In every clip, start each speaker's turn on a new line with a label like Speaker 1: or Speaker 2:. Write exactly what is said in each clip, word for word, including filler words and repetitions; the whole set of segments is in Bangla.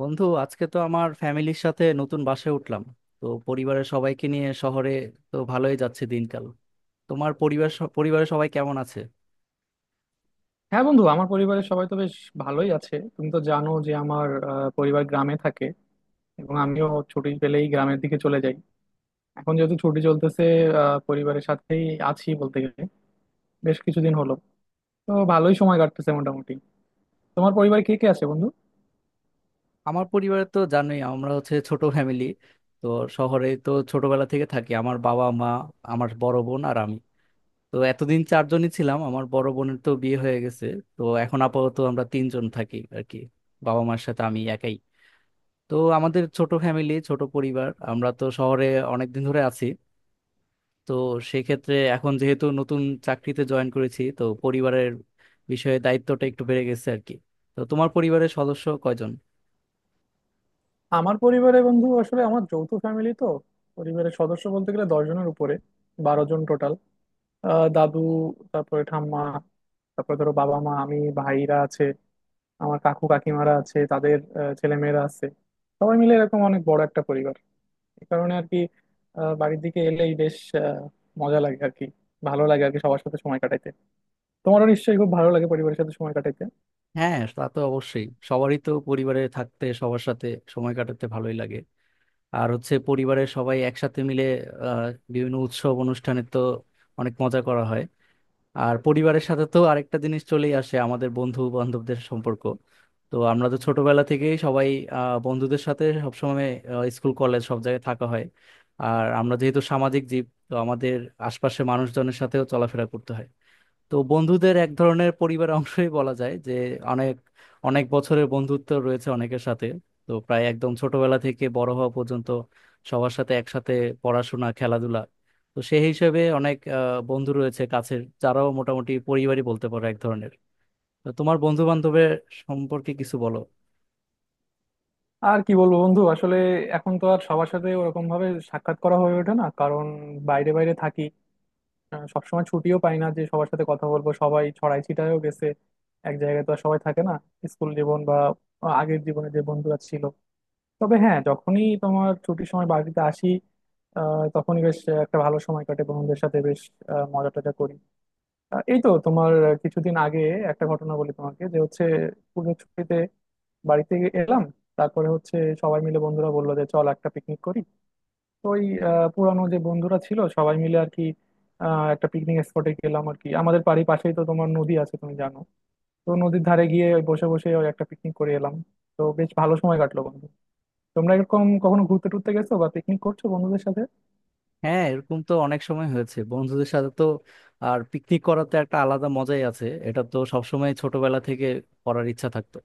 Speaker 1: বন্ধু, আজকে তো আমার ফ্যামিলির সাথে নতুন বাসায় উঠলাম। তো পরিবারের সবাইকে নিয়ে শহরে। তো ভালোই যাচ্ছে দিনকাল। তোমার পরিবার স- পরিবারের সবাই কেমন আছে?
Speaker 2: হ্যাঁ বন্ধু, আমার পরিবারের সবাই তো বেশ ভালোই আছে। তুমি তো জানো যে আমার আহ, পরিবার গ্রামে থাকে, এবং আমিও ছুটি পেলেই গ্রামের দিকে চলে যাই। এখন যেহেতু ছুটি চলতেছে, আহ, পরিবারের সাথেই আছি বলতে গেলে বেশ কিছুদিন হলো। তো ভালোই সময় কাটতেছে মোটামুটি। তোমার পরিবারে কে কে আছে বন্ধু?
Speaker 1: আমার পরিবারে তো জানোই, আমরা হচ্ছে ছোট ফ্যামিলি। তো শহরে তো ছোটবেলা থেকে থাকি। আমার বাবা মা, আমার বড় বোন আর আমি। তো এতদিন চারজনই ছিলাম, আমার বড় বোনের তো বিয়ে হয়ে গেছে। তো এখন আপাতত আমরা তিনজন থাকি আর কি, বাবা মার সাথে আমি একাই। তো আমাদের ছোট ফ্যামিলি, ছোট পরিবার, আমরা তো শহরে অনেকদিন ধরে আছি। তো সেক্ষেত্রে এখন যেহেতু নতুন চাকরিতে জয়েন করেছি, তো পরিবারের বিষয়ে দায়িত্বটা একটু বেড়ে গেছে আর কি। তো তোমার পরিবারের সদস্য কয়জন?
Speaker 2: আমার পরিবারে বন্ধু আসলে আমার যৌথ ফ্যামিলি তো, পরিবারের সদস্য বলতে গেলে দশ জনের উপরে, বারো জন টোটাল। দাদু, তারপরে ঠাম্মা, তারপরে ধরো বাবা মা, আমি, ভাইরা আছে, আমার কাকু কাকিমারা আছে, তাদের আহ, ছেলেমেয়েরা আছে। সবাই মিলে এরকম অনেক বড় একটা পরিবার। এই কারণে আর কি, আহ, বাড়ির দিকে এলেই বেশ আহ, মজা লাগে আর কি। ভালো লাগে আর কি সবার সাথে সময় কাটাইতে। তোমারও নিশ্চয়ই খুব ভালো লাগে পরিবারের সাথে সময় কাটাইতে।
Speaker 1: হ্যাঁ, তা তো অবশ্যই, সবারই তো পরিবারে থাকতে, সবার সাথে সময় কাটাতে ভালোই লাগে। আর হচ্ছে পরিবারের সবাই একসাথে মিলে আহ বিভিন্ন উৎসব অনুষ্ঠানে তো অনেক মজা করা হয়। আর পরিবারের সাথে তো আরেকটা জিনিস চলেই আসে, আমাদের বন্ধু বান্ধবদের সম্পর্ক। তো আমরা তো ছোটবেলা থেকেই সবাই আহ, বন্ধুদের সাথে সবসময় আহ, স্কুল কলেজ সব জায়গায় থাকা হয়। আর আমরা যেহেতু সামাজিক জীব, তো আমাদের আশপাশে মানুষজনের সাথেও চলাফেরা করতে হয়। তো বন্ধুদের এক ধরনের পরিবার অংশই বলা যায় যে, অনেক অনেক বছরের বন্ধুত্ব রয়েছে অনেকের সাথে। তো প্রায় একদম ছোটবেলা থেকে বড় হওয়া পর্যন্ত সবার সাথে একসাথে পড়াশোনা, খেলাধুলা। তো সেই হিসেবে অনেক আহ, বন্ধু রয়েছে কাছের, যারাও মোটামুটি পরিবারই বলতে পারো এক ধরনের। তো তোমার বন্ধু বান্ধবের সম্পর্কে কিছু বলো।
Speaker 2: আর কি বলবো বন্ধু, আসলে এখন তো আর সবার সাথে ওরকম ভাবে সাক্ষাৎ করা হয়ে ওঠে না, কারণ বাইরে বাইরে থাকি। আহ, সবসময় ছুটিও পাই না যে সবার সাথে কথা বলবো, সবাই ছড়াই ছিটায়ও গেছে, এক জায়গায় তো আর সবাই থাকে না, স্কুল জীবন বা আগের জীবনে যে বন্ধুরা ছিল। তবে হ্যাঁ, যখনই তোমার ছুটির সময় বাড়িতে আসি, আহ, তখনই বেশ একটা ভালো সময় কাটে বন্ধুদের সাথে। বেশ আহ, মজা টজা করি। আহ, এই তো তোমার কিছুদিন আগে একটা ঘটনা বলি তোমাকে, যে হচ্ছে পুজোর ছুটিতে বাড়িতে এলাম, তারপরে হচ্ছে সবাই মিলে বন্ধুরা বললো যে চল একটা পিকনিক করি। তো ওই আহ, পুরানো যে বন্ধুরা ছিল সবাই মিলে আর কি, আহ, একটা পিকনিক স্পটে গেলাম আর কি। আমাদের বাড়ির পাশেই তো তোমার নদী আছে, তুমি জানো। তো নদীর ধারে গিয়ে ওই বসে বসে ওই একটা পিকনিক করে এলাম। তো বেশ ভালো সময় কাটলো বন্ধু। তোমরা এরকম কখনো ঘুরতে টুরতে গেছো বা পিকনিক করছো বন্ধুদের সাথে?
Speaker 1: হ্যাঁ, এরকম তো অনেক সময় হয়েছে বন্ধুদের সাথে। তো আর পিকনিক করাতে একটা আলাদা মজাই আছে, এটা তো সবসময় ছোটবেলা থেকে করার ইচ্ছা থাকতো।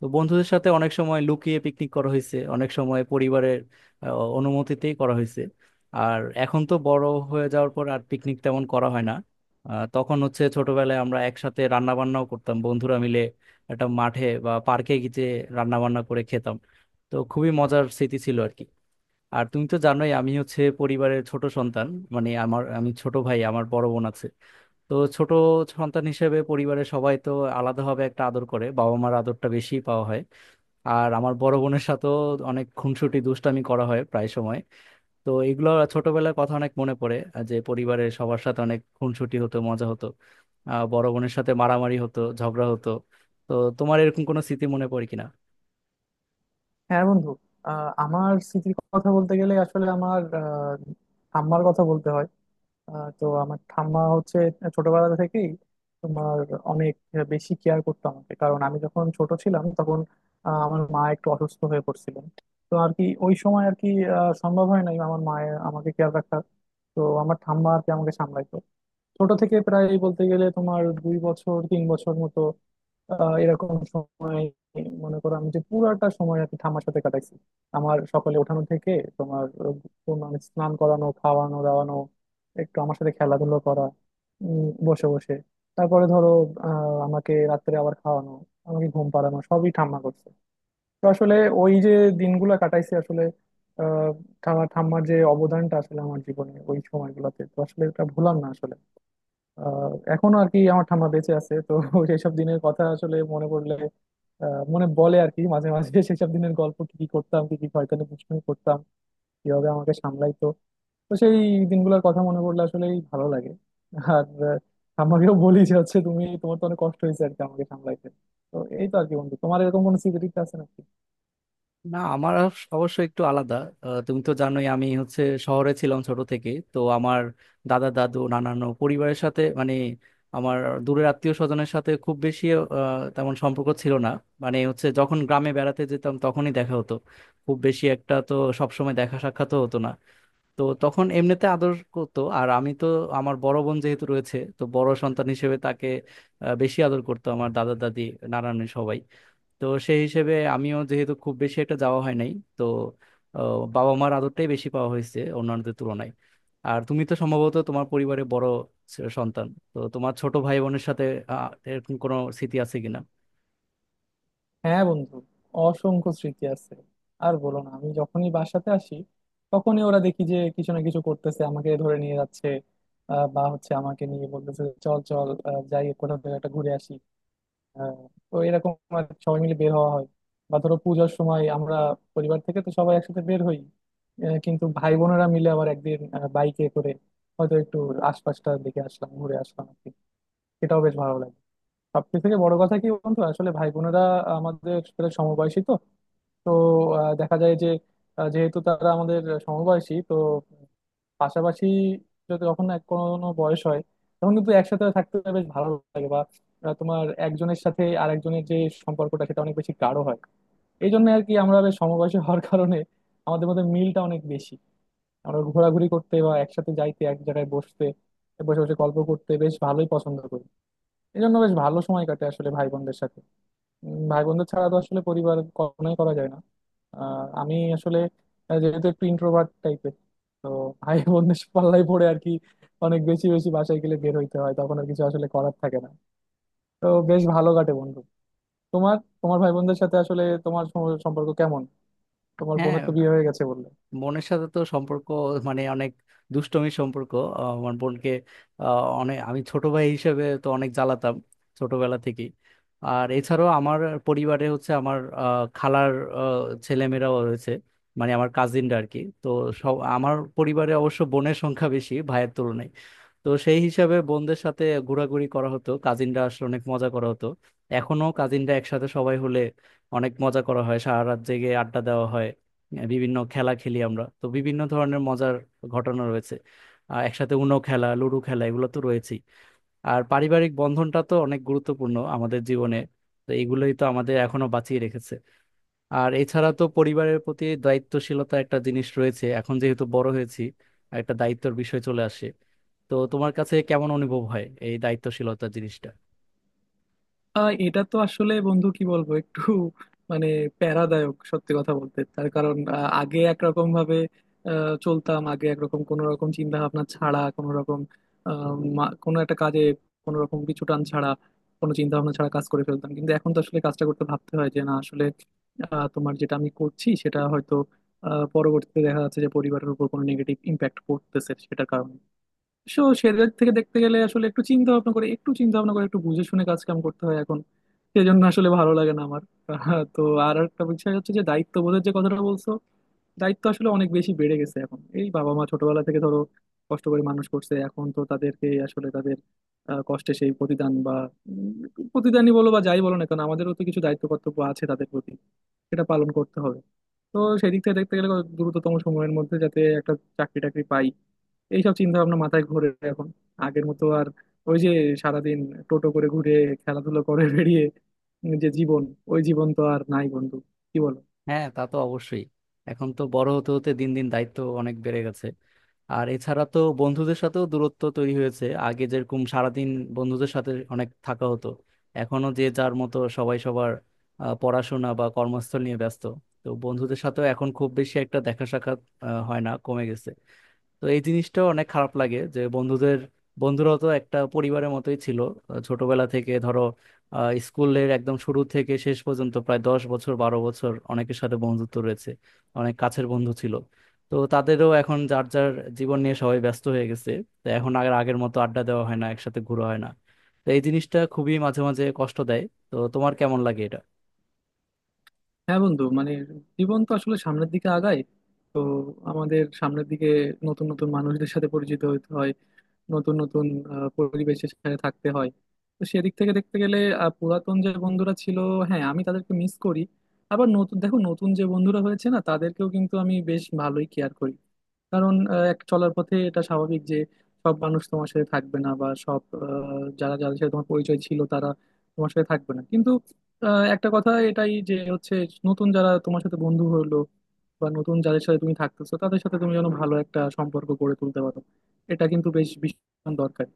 Speaker 1: তো বন্ধুদের সাথে অনেক সময় লুকিয়ে পিকনিক করা হয়েছে, অনেক সময় পরিবারের আহ, অনুমতিতেই করা হয়েছে। আর এখন তো বড় হয়ে যাওয়ার পর আর পিকনিক তেমন করা হয় না। আহ, তখন হচ্ছে ছোটবেলায় আমরা একসাথে রান্না বান্নাও করতাম বন্ধুরা মিলে, একটা মাঠে বা পার্কে গিয়ে রান্না বান্না করে খেতাম। তো খুবই মজার স্মৃতি ছিল আর কি। আর তুমি তো জানোই আমি হচ্ছে পরিবারের ছোট সন্তান, মানে আমার, আমি ছোট ভাই, আমার বড় বোন আছে। তো ছোট সন্তান হিসেবে পরিবারের সবাই তো আলাদাভাবে একটা আদর করে, বাবা মার আদরটা বেশি পাওয়া হয়। আর আমার বড় বোনের সাথেও অনেক খুনসুটি দুষ্টামি করা হয় প্রায় সময়। তো এগুলো ছোটবেলার কথা অনেক মনে পড়ে, আহ, যে পরিবারের সবার সাথে অনেক খুনসুটি হতো, মজা হতো। আহ বড় বোনের সাথে মারামারি হতো, ঝগড়া হতো। তো তোমার এরকম কোনো স্মৃতি মনে পড়ে কিনা?
Speaker 2: হ্যাঁ বন্ধু, আহ, আমার স্মৃতির কথা বলতে গেলে আসলে আমার আহ, ঠাম্মার কথা বলতে হয়। আহ, তো আমার ঠাম্মা হচ্ছে ছোটবেলা থেকেই তোমার অনেক বেশি কেয়ার করতো আমাকে, কারণ আমি যখন ছোট ছিলাম তখন আহ, আমার মা একটু অসুস্থ হয়ে পড়ছিলেন। তো আর কি ওই সময় আর কি আহ, সম্ভব হয় নাই আমার মায়ের আমাকে কেয়ার রাখা। তো আমার ঠাম্মা আর কি আমাকে সামলাইতো, ছোট থেকে প্রায় বলতে গেলে তোমার দুই বছর তিন বছর মতো। আহ এরকম সময় মনে করো আমি যে পুরাটা সময় আর কি ঠাম্মার সাথে কাটাইছি। আমার সকালে ওঠানো থেকে, তোমার আহ, তোমার স্নান করানো, খাওয়ানো দাওয়ানো, একটু আমার সাথে খেলাধুলো করা, উম, বসে বসে, তারপরে ধরো আহ আমাকে রাত্রে আবার খাওয়ানো, আমাকে ঘুম পাড়ানো, সবই ঠাম্মা করছে। তো আসলে ওই যে দিনগুলো কাটাইছি আসলে, আহ ঠাম্মা- ঠাম্মার যে অবদানটা আসলে আমার জীবনে ওই সময়গুলোতে, তো আসলে এটা ভুলার না আসলে। আহ এখনো আর কি আমার ঠাম্মা বেঁচে আছে তো সেসব দিনের কথা আসলে মনে পড়লে, আহ মনে পড়ে আর কি মাঝে মাঝে সেসব দিনের গল্প, কি কি করতাম, কি কি হয়তো দুষ্টুমি করতাম, কিভাবে আমাকে সামলাইতো। তো সেই দিনগুলোর কথা মনে পড়লে আসলেই ভালো লাগে। আর আহ, ঠাম্মাকেও বলি যে হচ্ছে তুমি, তোমার তো অনেক কষ্ট হয়েছে আর কি আমাকে সামলাইতে। তো এই তো আর কি বন্ধু, তোমার এরকম কোনো স্মৃতি আছে নাকি?
Speaker 1: না, আমার অবশ্য একটু আলাদা। আহ, তুমি তো জানোই আমি হচ্ছে শহরে ছিলাম ছোট থেকে। তো আমার দাদা দাদু নানানো পরিবারের সাথে, মানে আমার দূরের আত্মীয় স্বজনের সাথে খুব বেশি আহ, তেমন সম্পর্ক ছিল না। মানে হচ্ছে যখন গ্রামে বেড়াতে যেতাম তখনই দেখা হতো। খুব বেশি একটা তো সবসময় দেখা সাক্ষাৎও হতো না। তো তখন এমনিতে আদর করতো, আর আমি তো, আমার বড় বোন যেহেতু রয়েছে, তো বড় সন্তান হিসেবে তাকে আহ, বেশি আদর করতো আমার দাদা দাদি নানান সবাই। তো সেই হিসেবে আমিও যেহেতু খুব বেশি একটা যাওয়া হয় নাই, তো আহ, বাবা মার আদরটাই বেশি পাওয়া হয়েছে অন্যান্যদের তুলনায়। আর তুমি তো সম্ভবত তোমার পরিবারে বড় ছ- সন্তান। তো তোমার ছোট ভাই বোনের সাথে আহ, এরকম কোনো স্মৃতি আছে কিনা?
Speaker 2: হ্যাঁ বন্ধু, অসংখ্য স্মৃতি আছে। আর বলো না, আমি যখনই বাসাতে আসি তখনই ওরা দেখি যে কিছু না কিছু করতেছে, আমাকে ধরে নিয়ে যাচ্ছে। আহ, বা হচ্ছে আমাকে নিয়ে বলতেছে চল চল, আহ, যাই কোথাও থেকে একটা ঘুরে আসি। আহ, তো এরকম আর কি সবাই মিলে বের হওয়া হয়। বা ধরো পূজার সময় আমরা পরিবার থেকে তো সবাই একসাথে বের হই, আহ, কিন্তু ভাই বোনেরা মিলে আবার একদিন বাইকে করে হয়তো একটু আশপাশটার দিকে আসলাম, ঘুরে আসলাম আর কি। সেটাও বেশ ভালো লাগে। সবথেকে বড় কথা কি বন্ধু, আসলে ভাই বোনেরা আমাদের তো আহ, দেখা যায় যে আহ, যেহেতু তারা আমাদের সমবয়সী তো, পাশাপাশি যদি কখন এক কোনো বয়স হয় তখন কিন্তু একসাথে থাকতে বেশ ভালো লাগে। বা আহ, তোমার একজনের সাথে আরেকজনের যে সম্পর্কটা, সেটা অনেক বেশি গাঢ় হয়। এই জন্য আর কি আমরা বেশ সমবয়সী হওয়ার কারণে আমাদের মধ্যে মিলটা অনেক বেশি। আমরা ঘোরাঘুরি করতে বা একসাথে যাইতে, এক জায়গায় বসতে, বসে বসে গল্প করতে বেশ ভালোই পছন্দ করি। এই জন্য বেশ ভালো সময় কাটে আসলে ভাই বোনদের সাথে। উম, ভাই বন্ধু ছাড়া তো আসলে পরিবার কখনোই করা যায় না। আহ, আমি আসলে আহ, যেহেতু একটু ইন্ট্রোভার্ট টাইপের, তো ভাই বন্ধুর পাল্লায় পড়ে আর কি অনেক বেশি বেশি বাসায় গেলে বের হইতে হয়, তখন আর কিছু আসলে করার থাকে না। তো বেশ ভালো কাটে বন্ধু। তোমার, তোমার ভাই বোনদের সাথে আসলে তোমার সম- সম্পর্ক কেমন? তোমার
Speaker 1: হ্যাঁ,
Speaker 2: বোনের তো বিয়ে হয়ে গেছে বললে।
Speaker 1: বোনের সাথে তো সম্পর্ক মানে অনেক দুষ্টমির সম্পর্ক। আহ, আমার বোনকে আহ, অনেক আমি ছোট ভাই হিসেবে তো অনেক জ্বালাতাম ছোটবেলা থেকেই। আর এছাড়াও আমার পরিবারে হচ্ছে আমার আহ, খালার আহ, ছেলেমেয়েরাও রয়েছে, মানে আমার কাজিনরা আর কি। তো সব আমার পরিবারে অবশ্য বোনের সংখ্যা বেশি ভাইয়ের তুলনায়। তো সেই হিসাবে বোনদের সাথে ঘোরাঘুরি করা হতো, কাজিনরা আসলে অনেক মজা করা হতো। এখনো কাজিনরা একসাথে সবাই হলে অনেক মজা করা হয়, সারা রাত জেগে আড্ডা দেওয়া হয়। আহ, বিভিন্ন খেলা খেলি আমরা, তো বিভিন্ন ধরনের মজার ঘটনা রয়েছে। আর একসাথে উনো খেলা, লুডো খেলা, এগুলো তো রয়েছেই। আর পারিবারিক বন্ধনটা তো অনেক গুরুত্বপূর্ণ আমাদের জীবনে। তো এগুলোই তো আমাদের এখনো বাঁচিয়ে রেখেছে। আর এছাড়া তো পরিবারের প্রতি দায়িত্বশীলতা একটা জিনিস রয়েছে, এখন যেহেতু বড় হয়েছি, একটা দায়িত্বের বিষয় চলে আসে। তো তোমার কাছে কেমন অনুভব হয় এই দায়িত্বশীলতা জিনিসটা?
Speaker 2: আহ এটা তো আসলে বন্ধু কি বলবো, একটু মানে প্যারাদায়ক সত্যি কথা বলতে। তার কারণ আহ, আগে একরকম ভাবে আহ, চলতাম, আগে একরকম কোনো রকম চিন্তা ভাবনা ছাড়া, কোনো রকম আহ, মা- কোনো একটা কাজে কোনো রকম পিছু টান ছাড়া, কোনো চিন্তা ভাবনা ছাড়া কাজ করে ফেলতাম। কিন্তু এখন তো আসলে কাজটা করতে ভাবতে হয় যে না আসলে আহ, তোমার যেটা আমি করছি সেটা হয়তো আহ, পরবর্তীতে দেখা যাচ্ছে যে পরিবারের উপর কোনো নেগেটিভ ইম্প্যাক্ট পড়তেছে সেটার কারণে। সো সেদিক থেকে দেখতে গেলে আসলে একটু চিন্তা ভাবনা করে একটু চিন্তা ভাবনা করে একটু বুঝে শুনে কাজ কাম করতে হয় এখন। সেজন্য আসলে ভালো লাগে না আমার। আহ, তো আর একটা বিষয় হচ্ছে যে দায়িত্ববোধের যে কথাটা বলছো, দায়িত্ব আসলে অনেক বেশি বেড়ে গেছে এখন। এই বাবা মা ছোটবেলা থেকে ধরো কষ্ট করে মানুষ করছে, এখন তো তাদেরকে আসলে তাদের আহ, কষ্টে সেই প্রতিদান বা উম, প্রতিদানই বলো বা যাই বলো না কেন, আমাদেরও তো কিছু দায়িত্ব কর্তব্য আছে তাদের প্রতি, সেটা পালন করতে হবে। তো সেই দিক থেকে দেখতে গেলে দ্রুততম সময়ের মধ্যে যাতে একটা চাকরি টাকরি পাই, এইসব চিন্তা ভাবনা মাথায় ঘোরে এখন। আগের মতো আর ওই যে সারাদিন টোটো করে ঘুরে, খেলাধুলো করে বেরিয়ে যে জীবন, ওই জীবন তো আর নাই বন্ধু। কি বলো?
Speaker 1: হ্যাঁ, তা তো অবশ্যই। এখন তো বড় হতে হতে দিন দিন দায়িত্ব অনেক বেড়ে গেছে। আর এছাড়া তো বন্ধুদের সাথেও দূরত্ব তৈরি হয়েছে। আগে যেরকম সারাদিন বন্ধুদের সাথে অনেক থাকা হতো, এখনো যে যার মতো সবাই সবার আহ, পড়াশোনা বা কর্মস্থল নিয়ে ব্যস্ত। তো বন্ধুদের সাথেও এখন খুব বেশি একটা দেখা সাক্ষাৎ আহ, হয় না, কমে গেছে। তো এই জিনিসটা অনেক খারাপ লাগে যে বন্ধুদের বন্ধুরাও তো একটা পরিবারের মতোই ছিল। আহ, ছোটবেলা থেকে ধরো আহ, স্কুলের একদম শুরু থেকে শেষ পর্যন্ত প্রায় দশ বছর বারো বছর অনেকের সাথে বন্ধুত্ব রয়েছে, অনেক কাছের বন্ধু ছিল। তো তাদেরও এখন যার যার জীবন নিয়ে সবাই ব্যস্ত হয়ে গেছে। তো এখন আর আগের মতো আড্ডা দেওয়া হয় না, একসাথে ঘোরা হয় না। তো এই জিনিসটা খুবই মাঝে মাঝে কষ্ট দেয়। তো তোমার কেমন লাগে এটা?
Speaker 2: হ্যাঁ বন্ধু, মানে জীবন তো আসলে সামনের দিকে আগায়। তো আমাদের সামনের দিকে নতুন নতুন মানুষদের সাথে পরিচিত হতে হয়, নতুন নতুন আহ, পরিবেশের সাথে থাকতে হয়। তো সেদিক থেকে দেখতে গেলে আহ, পুরাতন যে বন্ধুরা ছিল, হ্যাঁ আমি তাদেরকে মিস করি। আবার নতুন দেখো, নতুন যে বন্ধুরা হয়েছে না, তাদেরকেও কিন্তু আমি বেশ ভালোই কেয়ার করি। কারণ আহ, এক চলার পথে এটা স্বাভাবিক যে সব মানুষ তোমার সাথে থাকবে না, বা সব আহ, যারা যাদের সাথে তোমার পরিচয় ছিল তারা তোমার সাথে থাকবে না। কিন্তু আহ, একটা কথা এটাই যে হচ্ছে, নতুন যারা তোমার সাথে বন্ধু হলো, বা নতুন যাদের সাথে তুমি থাকতেছো, তাদের সাথে তুমি যেন ভালো একটা সম্পর্ক গড়ে তুলতে পারো, এটা কিন্তু বেশ ভীষণ দরকার।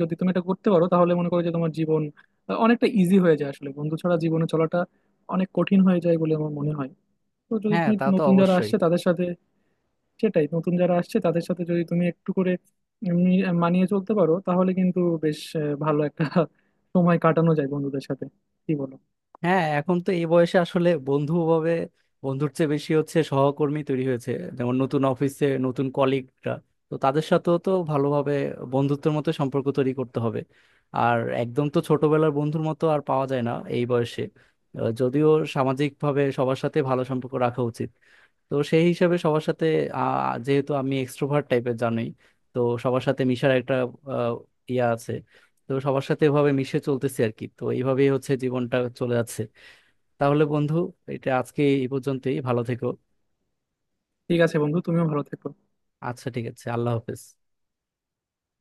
Speaker 2: যদি তুমি এটা করতে পারো তাহলে মনে করো যে তোমার জীবন আহ, অনেকটা ইজি হয়ে যায়। আসলে বন্ধু ছাড়া জীবনে চলাটা অনেক কঠিন হয়ে যায় বলে আমার মনে হয়। তো যদি
Speaker 1: হ্যাঁ,
Speaker 2: তুমি
Speaker 1: তা তো
Speaker 2: নতুন যারা
Speaker 1: অবশ্যই।
Speaker 2: আসছে তাদের সাথে, সেটাই, নতুন যারা আসছে তাদের সাথে যদি তুমি একটু করে এমনি মানিয়ে চলতে পারো, তাহলে কিন্তু বেশ আহ, ভালো একটা সময় কাটানো যায় বন্ধুদের সাথে। কি বলো?
Speaker 1: হ্যাঁ, এখন তো এই বয়সে আসলে বন্ধু ভাবে, বন্ধুর চেয়ে বেশি হচ্ছে সহকর্মী তৈরি হয়েছে, যেমন নতুন অফিসে নতুন কলিগরা। তো তাদের সাথেও তো ভালোভাবে বন্ধুত্বের মতো সম্পর্ক তৈরি করতে হবে। আর একদম তো ছোটবেলার বন্ধুর মতো আর পাওয়া যায় না এই বয়সে। আহ, যদিও সামাজিকভাবে সবার সাথে ভালো সম্পর্ক রাখা উচিত। তো সেই হিসাবে সবার সাথে আহ, যেহেতু আমি এক্সট্রোভার্ট টাইপের জানোই, তো সবার সাথে মিশার একটা আহ, ইয়া আছে। তো সবার সাথে এভাবে মিশে চলতেছি আর কি। তো এইভাবেই হচ্ছে জীবনটা চলে যাচ্ছে। তাহলে বন্ধু, এটা আজকে এই পর্যন্তই। ভালো থেকো।
Speaker 2: ঠিক আছে বন্ধু, তুমিও ভালো থেকো।
Speaker 1: আচ্ছা, ঠিক আছে, আল্লাহ হাফেজ।